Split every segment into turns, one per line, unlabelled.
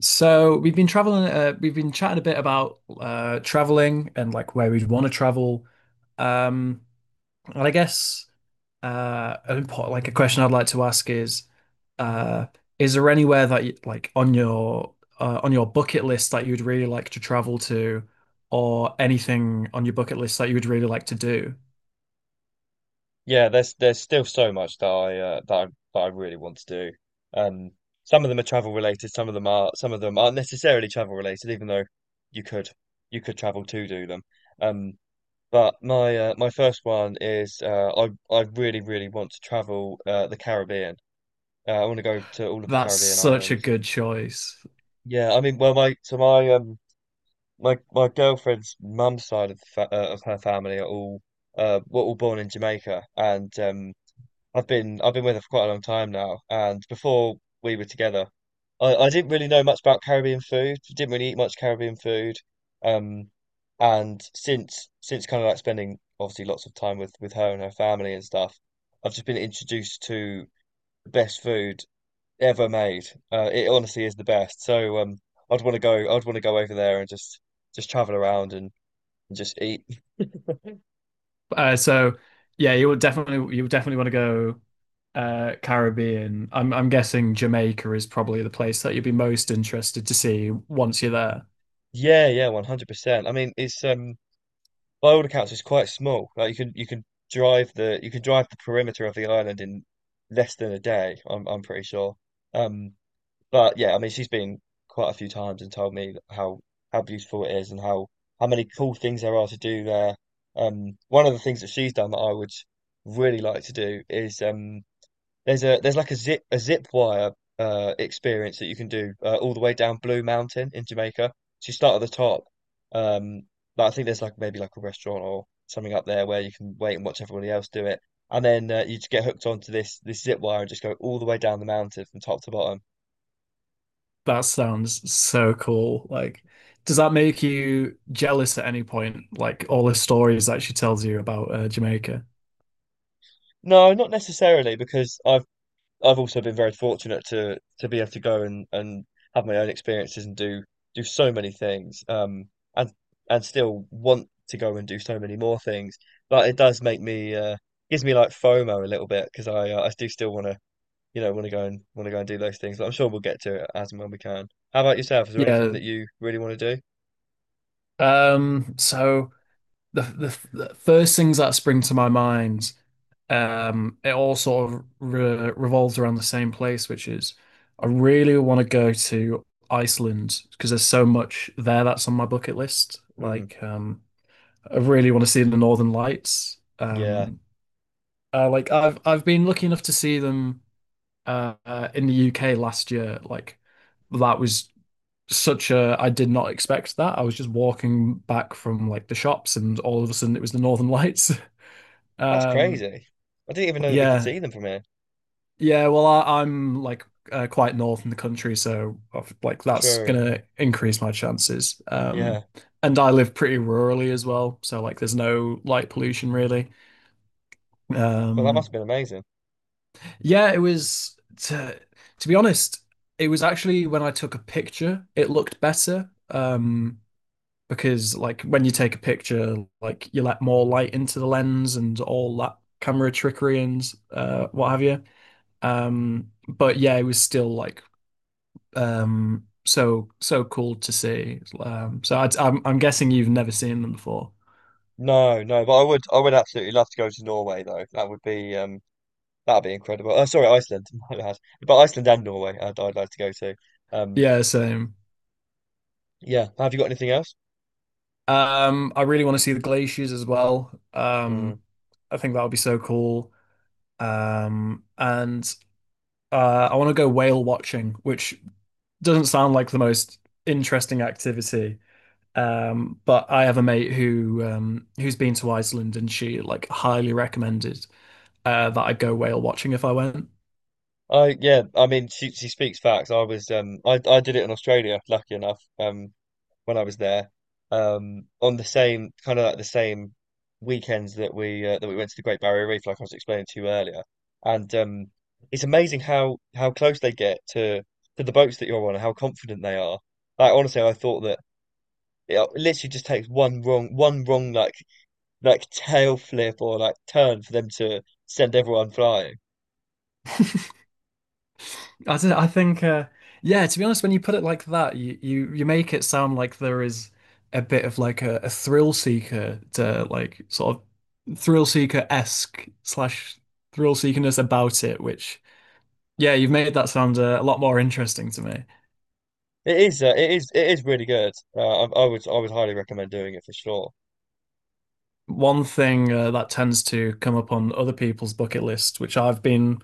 So we've been traveling, we've been chatting a bit about traveling and like where we'd want to travel. Um, and I guess an important, like a question I'd like to ask uh, is there anywhere that you, like on your bucket list that you'd really like to travel to, or anything on your bucket list that you would really like to do?
Yeah, there's still so much that that I really want to do. Um, some of them are travel related, some of them aren't necessarily travel related, even though you could you could travel to do them. Um, but my first one is I really want to travel the Caribbean. I want to go to all of the
That's
Caribbean
such a
islands.
good choice.
Yeah, I mean, well, my so my my my girlfriend's mum's side of the fa of her family are all were all born in Jamaica, and I've been with her for quite a long time now, and before we were together, I didn't really know much about Caribbean food. Didn't really eat much Caribbean food, um, and since kind of like spending obviously lots of time with her and her family and stuff, I've just been introduced to the best food ever made. It honestly is the best. So I'd want to go. I'd want to go over there and just travel around and just eat.
So yeah, you would definitely want to go Caribbean. I'm guessing Jamaica is probably the place that you'd be most interested to see once you're there.
Yeah, yeah, 100%. I mean, it's by all accounts, it's quite small. Like you can drive the perimeter of the island in less than a day. I'm pretty sure. Um, but yeah, I mean, she's been quite a few times and told me how beautiful it is and how many cool things there are to do there. One of the things that she's done that I would really like to do is there's like a zip wire experience that you can do all the way down Blue Mountain in Jamaica. So you start at the top. Um, but I think there's like maybe like a restaurant or something up there where you can wait and watch everybody else do it, and then you just get hooked onto this zip wire and just go all the way down the mountain from top to bottom.
That sounds so cool. Like, does that make you jealous at any point? Like all the stories that she tells you about Jamaica?
No, not necessarily because I've also been very fortunate to be able to go and have my own experiences and do so many things, and and still want to go and do so many more things. But it does make me gives me like FOMO a little bit because I do still want to want to go and do those things. But I'm sure we'll get to it as and when we can. How about yourself? Is there anything
Yeah.
that you really want to do?
So the first things that spring to my mind, it all sort of re revolves around the same place, which is I really want to go to Iceland because there's so much there that's on my bucket list.
Mm,
Like, I really want to see the Northern Lights.
yeah,
Like I've been lucky enough to see them in the UK last year. Like, that was such a I did not expect that. I was just walking back from like the shops and all of a sudden it was the Northern Lights.
that's
Um,
crazy. I didn't even know that we could
yeah,
see them from here.
yeah. Well, I'm like quite north in the country, so like that's
True.
gonna increase my chances.
Yeah.
And I live pretty rurally as well, so like there's no light pollution really.
Well, that must
Um,
have been amazing.
yeah, it was to to be honest, it was actually when I took a picture, it looked better. Because like when you take a picture, like you let more light into the lens and all that camera trickery and what have you. But yeah, it was still like so so cool to see. So I'm guessing you've never seen them before.
No, no, but I would absolutely love to go to Norway though. That would be incredible. Oh, sorry, Iceland, my bad. But Iceland and Norway, I'd like to go to. Um,
Yeah, same.
yeah. Have you got anything else?
I really want to see the glaciers as well.
Mm.
I think that would be so cool. And I want to go whale watching, which doesn't sound like the most interesting activity. But I have a mate who who's been to Iceland, and she like highly recommended that I go whale watching if I went.
I Yeah. I mean, she speaks facts. I was I did it in Australia, lucky enough. When I was there, on the same kind of like the same weekends that we went to the Great Barrier Reef, like I was explaining to you earlier. And it's amazing how close they get to the boats that you're on and how confident they are. Like honestly, I thought that it literally just takes one wrong like tail flip or like turn for them to send everyone flying.
I don't know, I think yeah, to be honest, when you put it like that, you make it sound like there is a bit of like a thrill seeker to like sort of thrill seeker-esque slash thrill seekerness about it, which yeah, you've made that sound a lot more interesting to me.
It is really good. I would highly recommend doing it for sure.
One thing that tends to come up on other people's bucket list, which I've been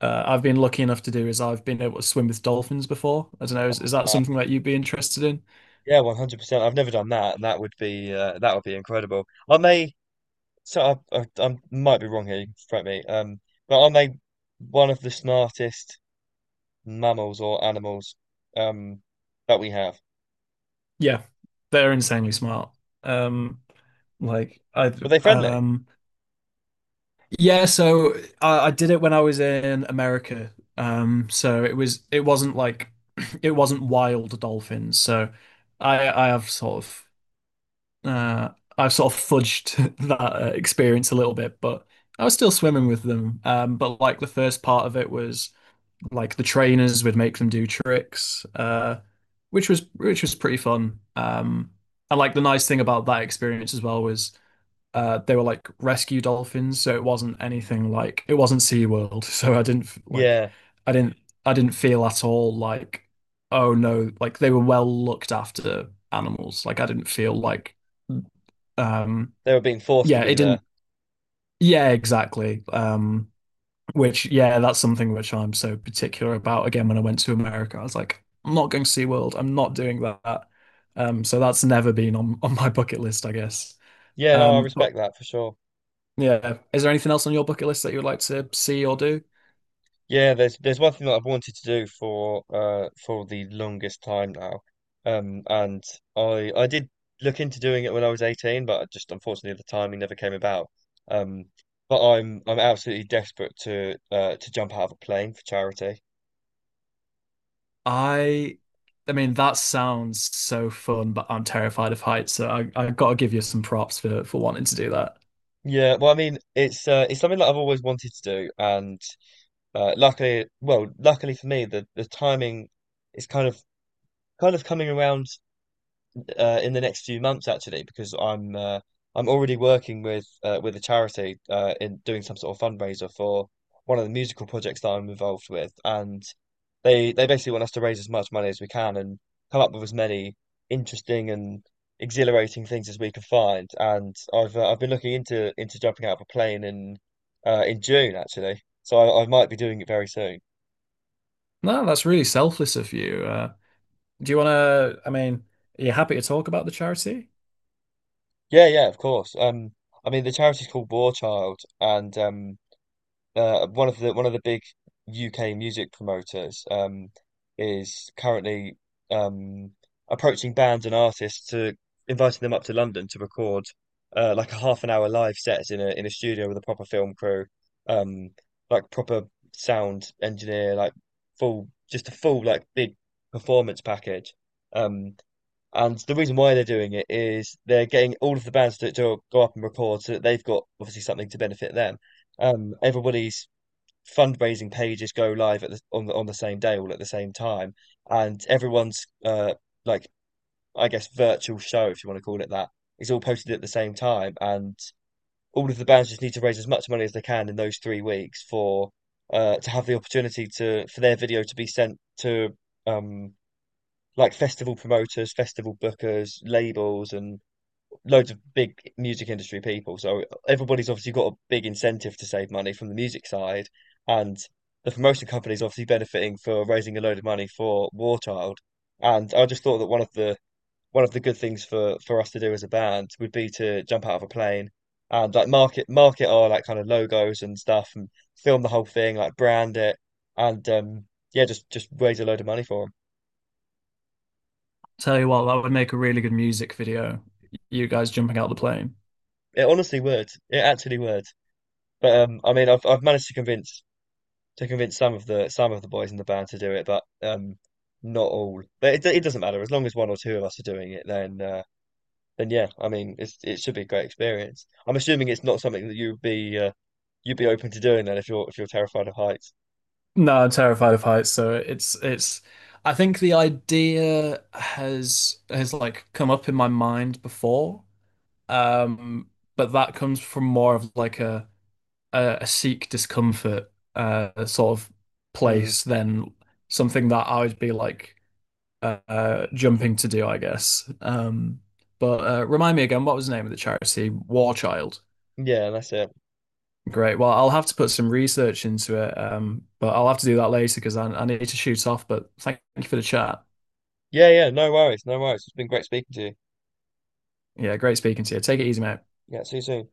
uh, I've been lucky enough to do, is I've been able to swim with dolphins before. I don't know,
Oh
is that
wow.
something that you'd be interested in?
Yeah, 100%. I've never done that, and that would be incredible. I may so I might be wrong here, you can correct me. But I may one of the smartest mammals or animals um that we have.
Yeah, they're insanely smart. Um, like I
Were they friendly?
um yeah, so I did it when I was in America. So it was it wasn't like it wasn't wild dolphins. So I have sort of uh, I've sort of fudged that experience a little bit, but I was still swimming with them. But like the first part of it was like the trainers would make them do tricks, which was pretty fun. And like the nice thing about that experience as well was they were like rescue dolphins, so it wasn't anything like it wasn't SeaWorld, so I didn't like
Yeah,
I didn't I didn't feel at all like oh no, like they were well looked after animals. Like I didn't feel like. Um,
they were being forced to
yeah,
be
it didn't.
there.
Yeah, exactly. Which, yeah, that's something which I'm so particular about. Again, when I went to America, I was like, I'm not going to SeaWorld. I'm not doing that. So that's never been on my bucket list, I guess.
Yeah, no, I
But
respect that for sure.
yeah, is there anything else on your bucket list that you would like to see or do?
Yeah, there's one thing that I've wanted to do for the longest time now. And I did look into doing it when I was 18, but I just unfortunately the timing never came about. Um but I'm absolutely desperate to jump out of a plane for charity.
I, I mean, that sounds so fun, but I'm terrified of heights, so I got to give you some props for wanting to do that.
Yeah, well I mean it's something that I've always wanted to do and luckily for me the timing is kind of coming around in the next few months actually because I'm already working with a charity in doing some sort of fundraiser for one of the musical projects that I'm involved with, and they basically want us to raise as much money as we can and come up with as many interesting and exhilarating things as we can find. And I've been looking into jumping out of a plane in June actually, so I might be doing it very soon.
No, that's really selfless of you. Do you want to, I mean, are you happy to talk about the charity?
Yeah, yeah, of course. I mean the charity's called War Child. And. One of the big UK music promoters is currently um, approaching bands and artists to inviting them up to London to record like a half an hour live set in a studio with a proper film crew, um, like proper sound engineer, like full just a full like big performance package. Um, and the reason why they're doing it is they're getting all of the bands to go up and record so that they've got obviously something to benefit them. Everybody's fundraising pages go live at the on the on the same day, all at the same time, and everyone's like I guess virtual show, if you want to call it that, is all posted at the same time, and all of the bands just need to raise as much money as they can in those 3 weeks for to have the opportunity to for their video to be sent to um like festival promoters, festival bookers, labels, and loads of big music industry people. So everybody's obviously got a big incentive to save money from the music side, and the promotion company's obviously benefiting for raising a load of money for War Child. And I just thought that one of the good things for us to do as a band would be to jump out of a plane and like market our like kind of logos and stuff and film the whole thing, like brand it, and yeah, just raise a load of money for them.
Tell you what, that would make a really good music video. You guys jumping out the plane.
It honestly would. It actually would. But I mean, I've managed to convince some of the boys in the band to do it, but not all. But it doesn't matter as long as one or two of us are doing it. Then yeah, I mean, it should be a great experience. I'm assuming it's not something that you'd be open to doing then if you're terrified of heights.
No, I'm terrified of heights, so it's I think the idea has like come up in my mind before. Um, but that comes from more of like a Sikh discomfort sort of
Mm,
place than something that I would be like jumping to do, I guess. But remind me again, what was the name of the charity? War Child.
yeah, that's it.
Great. Well, I'll have to put some research into it, but I'll have to do that later because I need to shoot off. But thank you for the chat.
Yeah, yeah, no worries, no worries. It's been great speaking to you.
Yeah, great speaking to you. Take it easy, mate.
Yeah, see you soon.